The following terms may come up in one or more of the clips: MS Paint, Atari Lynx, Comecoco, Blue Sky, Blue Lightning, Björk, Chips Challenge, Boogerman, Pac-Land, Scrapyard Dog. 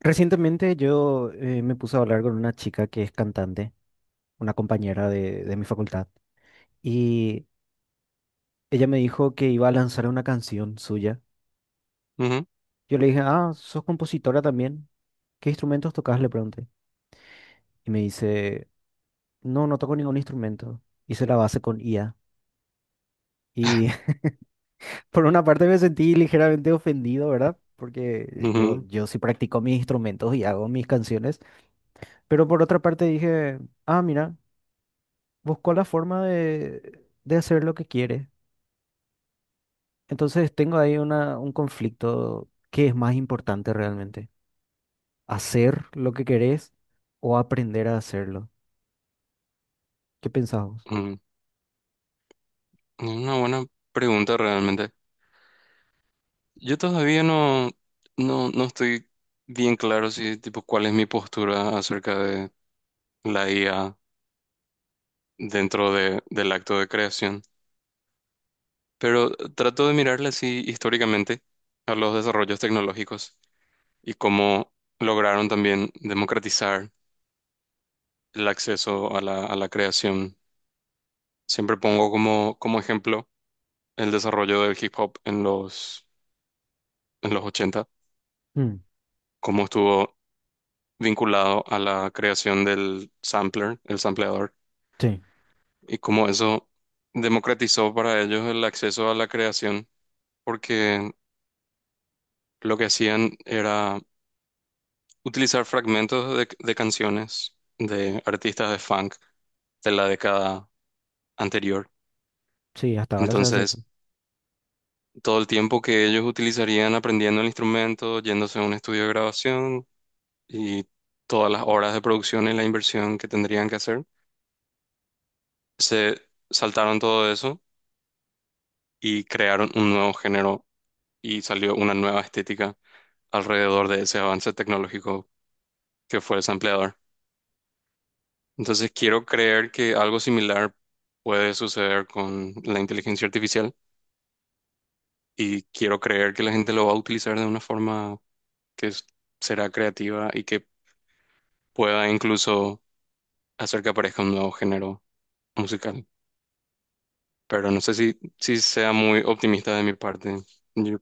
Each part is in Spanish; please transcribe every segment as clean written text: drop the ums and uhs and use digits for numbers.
Recientemente yo me puse a hablar con una chica que es cantante, una compañera de mi facultad, y ella me dijo que iba a lanzar una canción suya. Ujú, Yo le dije, ah, ¿sos compositora también? ¿Qué instrumentos tocas? Le pregunté. Y me dice, no, no toco ningún instrumento. Hice la base con IA. Y por una parte me sentí ligeramente ofendido, ¿verdad? Porque yo, ujú, yo sí practico mis instrumentos y hago mis canciones, pero por otra parte dije, ah, mira. Buscó la forma de hacer lo que quiere. Entonces tengo ahí una, un conflicto. ¿Qué es más importante realmente? ¿Hacer lo que querés o aprender a hacerlo? ¿Qué pensás vos? ujú. Es una buena pregunta realmente. Yo todavía no estoy bien claro si, tipo, cuál es mi postura acerca de la IA dentro del acto de creación. Pero trato de mirarla así históricamente a los desarrollos tecnológicos y cómo lograron también democratizar el acceso a la creación. Siempre pongo como ejemplo el desarrollo del hip hop en los 80, Mm, cómo estuvo vinculado a la creación del sampler, el sampleador, sí, y cómo eso democratizó para ellos el acceso a la creación, porque lo que hacían era utilizar fragmentos de canciones de artistas de funk de la década anterior. sí, hasta ahora se hace eso. Entonces, todo el tiempo que ellos utilizarían aprendiendo el instrumento, yéndose a un estudio de grabación y todas las horas de producción y la inversión que tendrían que hacer, se saltaron todo eso y crearon un nuevo género y salió una nueva estética alrededor de ese avance tecnológico que fue el sampleador. Entonces quiero creer que algo similar puede suceder con la inteligencia artificial y quiero creer que la gente lo va a utilizar de una forma que será creativa y que pueda incluso hacer que aparezca un nuevo género musical. Pero no sé si sea muy optimista de mi parte. Yo-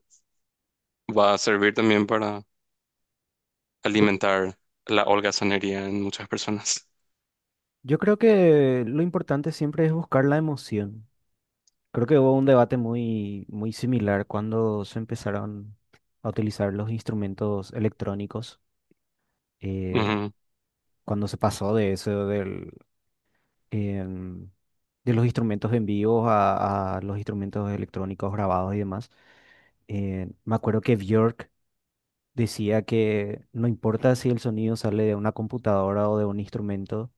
Va a servir también para Yo, alimentar la holgazanería en muchas personas. yo creo que lo importante siempre es buscar la emoción. Creo que hubo un debate muy, muy similar cuando se empezaron a utilizar los instrumentos electrónicos, eh, Ujú, cuando se pasó de eso em, de los instrumentos en vivo a los instrumentos electrónicos grabados y demás. Me acuerdo que Björk decía que no importa si el sonido sale de una computadora o de un instrumento,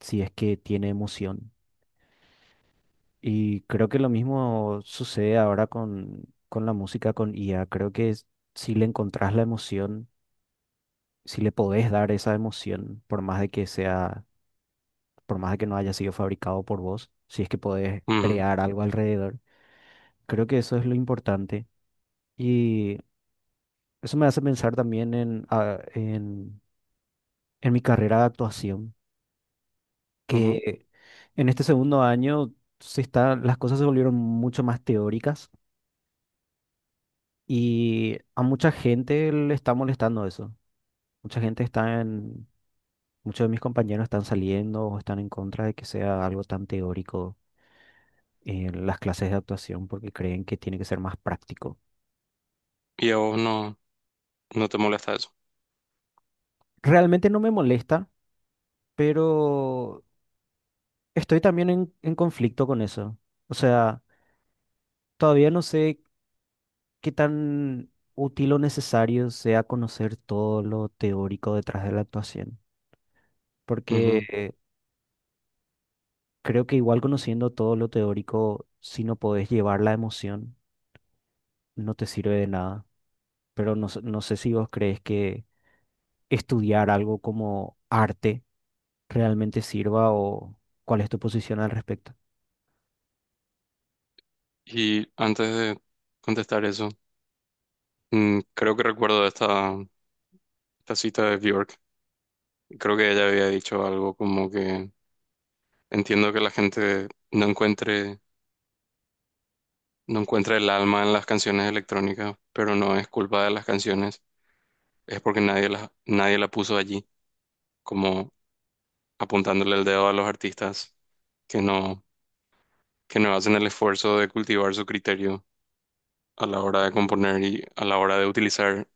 si es que tiene emoción. Y creo que lo mismo sucede ahora con la música, con IA. Creo que es- si le encontrás la emoción, si le podés dar esa emoción, por más de que sea, por más de que no haya sido fabricado por vos, si es que podés ujú, crear algo alrededor. Creo que eso es lo importante. Y eso me hace pensar también en, ah, en mi carrera de actuación, ujú. que en este segundo año se está, las cosas se volvieron mucho más teóricas y a mucha gente le está molestando eso. Mucha gente está en, muchos de mis compañeros están saliendo o están en contra de que sea algo tan teórico en las clases de actuación porque creen que tiene que ser más práctico. Y a vos no te molesta eso. Realmente no me molesta, pero... Estoy también en conflicto con eso. O sea, todavía no sé qué tan útil o necesario sea conocer todo lo teórico detrás de la actuación. Porque Ujú. Creo que igual conociendo todo lo teórico, si no podés llevar la emoción, no te sirve de nada. Pero no, sé- no sé si vos crees que estudiar algo como arte realmente sirva o cuál es tu posición al respecto. Y antes de contestar eso, creo que recuerdo esta cita de Bjork. Creo que ella había dicho algo como que entiendo que la gente no encuentre, no encuentra el alma en las canciones electrónicas, pero no es culpa de las canciones, es porque nadie la puso allí, como apuntándole el dedo a los artistas que no, que no hacen el esfuerzo de cultivar su criterio a la hora de componer y a la hora de utilizar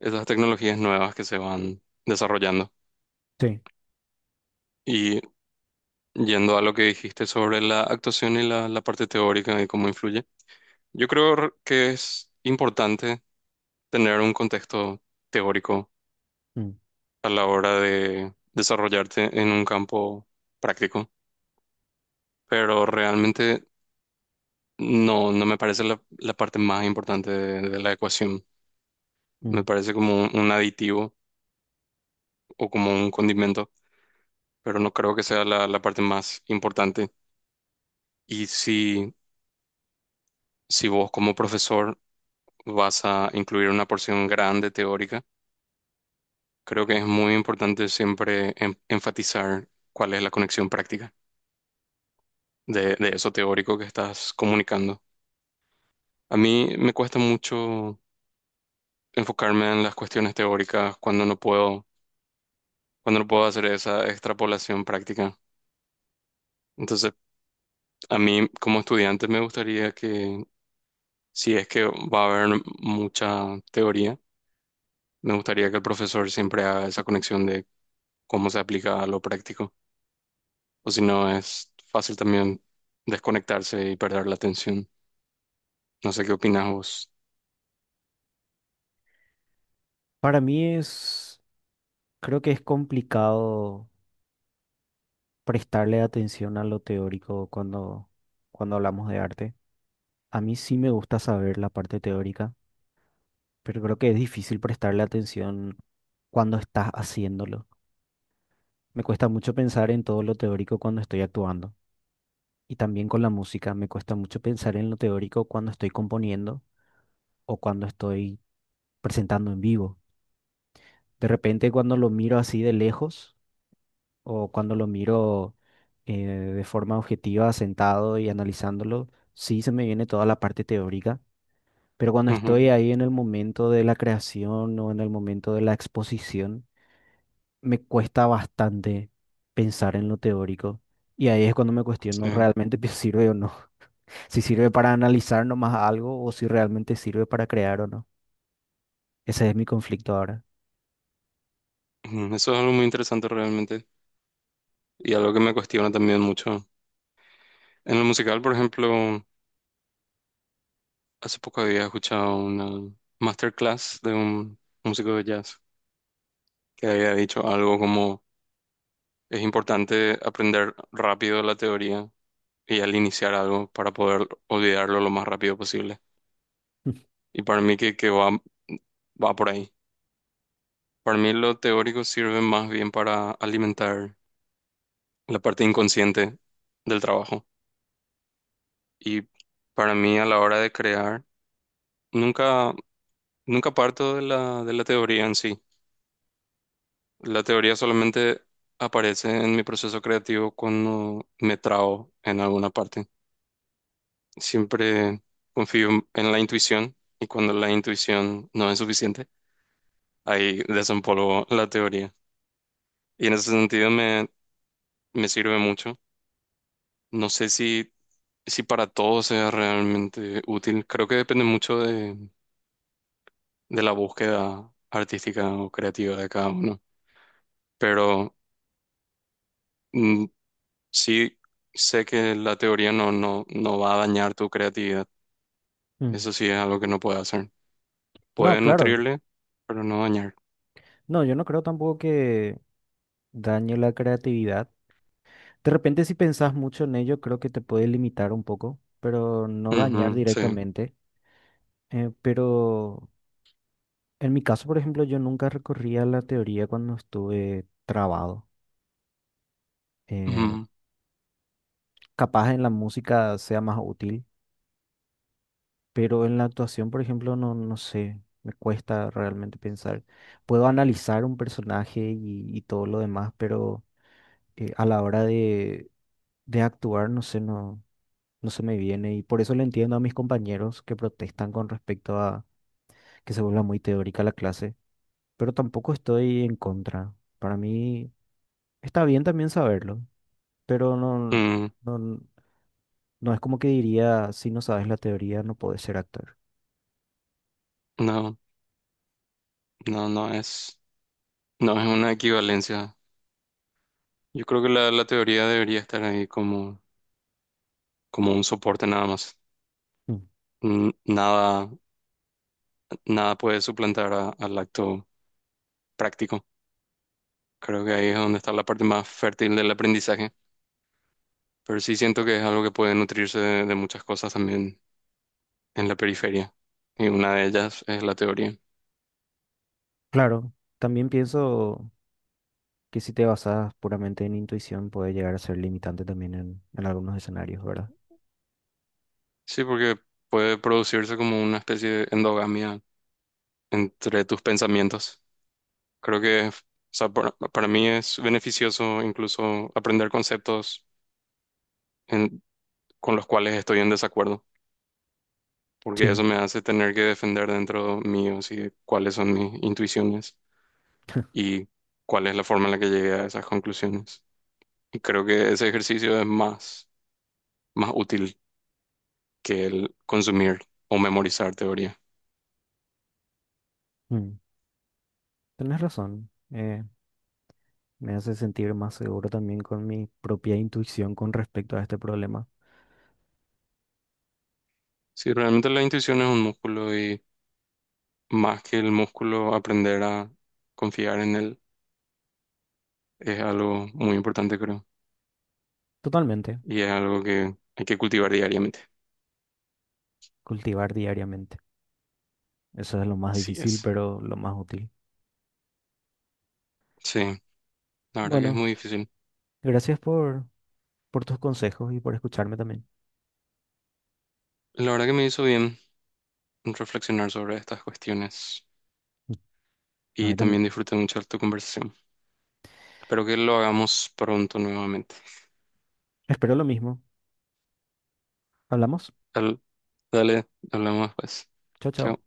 esas tecnologías nuevas que se van desarrollando. Sí. Y yendo a lo que dijiste sobre la actuación y la parte teórica y cómo influye, yo creo que es importante tener un contexto teórico Mm, a la hora de desarrollarte en un campo práctico, pero realmente no me parece la parte más importante de la ecuación. Me mm. parece como un aditivo o como un condimento, pero no creo que sea la parte más importante. Y si vos como profesor vas a incluir una porción grande teórica, creo que es muy importante siempre enfatizar cuál es la conexión práctica de eso teórico que estás comunicando. A mí me cuesta mucho enfocarme en las cuestiones teóricas cuando no puedo hacer esa extrapolación práctica. Entonces, a mí como estudiante me gustaría que, si es que va a haber mucha teoría, me gustaría que el profesor siempre haga esa conexión de cómo se aplica a lo práctico, o si no es fácil también desconectarse y perder la atención. No sé qué opinas vos. Para mí es, creo que es complicado prestarle atención a lo teórico cuando, cuando hablamos de arte. A mí sí me gusta saber la parte teórica, pero creo que es difícil prestarle atención cuando estás haciéndolo. Me cuesta mucho pensar en todo lo teórico cuando estoy actuando. Y también con la música, me cuesta mucho pensar en lo teórico cuando estoy componiendo o cuando estoy presentando en vivo. De repente cuando lo miro así de lejos, o cuando lo miro de forma objetiva, sentado y analizándolo, sí se me viene toda la parte teórica, pero cuando Ujú, estoy ahí en el momento de la creación o en el momento de la exposición, me cuesta bastante pensar en lo teórico. Y ahí es cuando me cuestiono sí. realmente si sirve o no. Si sirve para analizar nomás algo o si realmente sirve para crear o no. Ese es mi conflicto ahora. Ujú, eso es algo muy interesante realmente y algo que me cuestiona también mucho. En el musical, por ejemplo, hace poco había escuchado una masterclass de un músico de jazz que había dicho algo como es importante aprender rápido la teoría y al iniciar algo para poder olvidarlo lo más rápido posible. Y para mí va por ahí. Para mí lo teórico sirve más bien para alimentar la parte inconsciente del trabajo. Y para mí a la hora de crear, nunca, nunca parto de la teoría en sí. La teoría solamente aparece en mi proceso creativo cuando me trabo en alguna parte. Siempre confío en la intuición y cuando la intuición no es suficiente, ahí desempolvo la teoría. Y en ese sentido me sirve mucho. No sé si para todos sea realmente útil. Creo que depende mucho de la búsqueda artística o creativa de cada uno. Pero mm, sí sé que la teoría no va a dañar tu creatividad. Mm. Eso sí es algo que no puede hacer. No, Puede claro. nutrirle, pero no dañar. No, yo no creo tampoco que dañe la creatividad. De repente, si pensás mucho en ello, creo que te puede limitar un poco, pero no dañar Ujú, sí. directamente. Pero en mi caso, por ejemplo, yo nunca recorría la teoría cuando estuve trabado. Eh, Ujú. Capaz en la música sea más útil, pero en la actuación, por ejemplo, no, no sé, me cuesta realmente pensar. Puedo analizar un personaje y todo lo demás, pero a la hora de actuar, no sé, no. No se me viene y por eso le entiendo a mis compañeros que protestan con respecto a que se vuelva muy teórica la clase, pero tampoco estoy en contra. Para mí está bien también saberlo, pero no, Mm, no, no es como que diría, si no sabes la teoría no puedes ser actor. no, no, no es, no es una equivalencia. Yo creo que la teoría debería estar ahí como, como un soporte nada más. Mm. Nada nada puede suplantar al acto práctico. Creo que ahí es donde está la parte más fértil del aprendizaje, pero sí siento que es algo que puede nutrirse de muchas cosas también en la periferia, y una de ellas es la teoría. Claro, también pienso que si te basas puramente en intuición puede llegar a ser limitante también en algunos escenarios, ¿verdad? Sí, porque puede producirse como una especie de endogamia entre tus pensamientos. Creo que, o sea, para mí es beneficioso incluso aprender conceptos en- con los cuales estoy en desacuerdo. Porque eso Sí, me hace tener que defender dentro mío, sí, cuáles son mis intuiciones y cuál es la forma en la que llegué a esas conclusiones. Y creo que ese ejercicio es más útil que el consumir o memorizar teoría. mm, tenés razón. Me hace sentir más seguro también con mi propia intuición con respecto a este problema. Si realmente la intuición es un músculo y más que el músculo, aprender a confiar en él es algo muy importante, creo. Totalmente. Y es algo que hay que cultivar diariamente. Cultivar diariamente. Eso es lo más Sí difícil, es. pero lo más útil. Sí, la verdad que es Bueno, muy difícil. gracias por tus consejos y por escucharme también. La verdad que me hizo bien reflexionar sobre estas cuestiones Mm, a y mí también. también disfruté mucho de tu conversación. Espero que lo hagamos pronto nuevamente. Espero lo mismo. Hablamos. Al- Dale, hablamos pues. Chao, chao. Chao.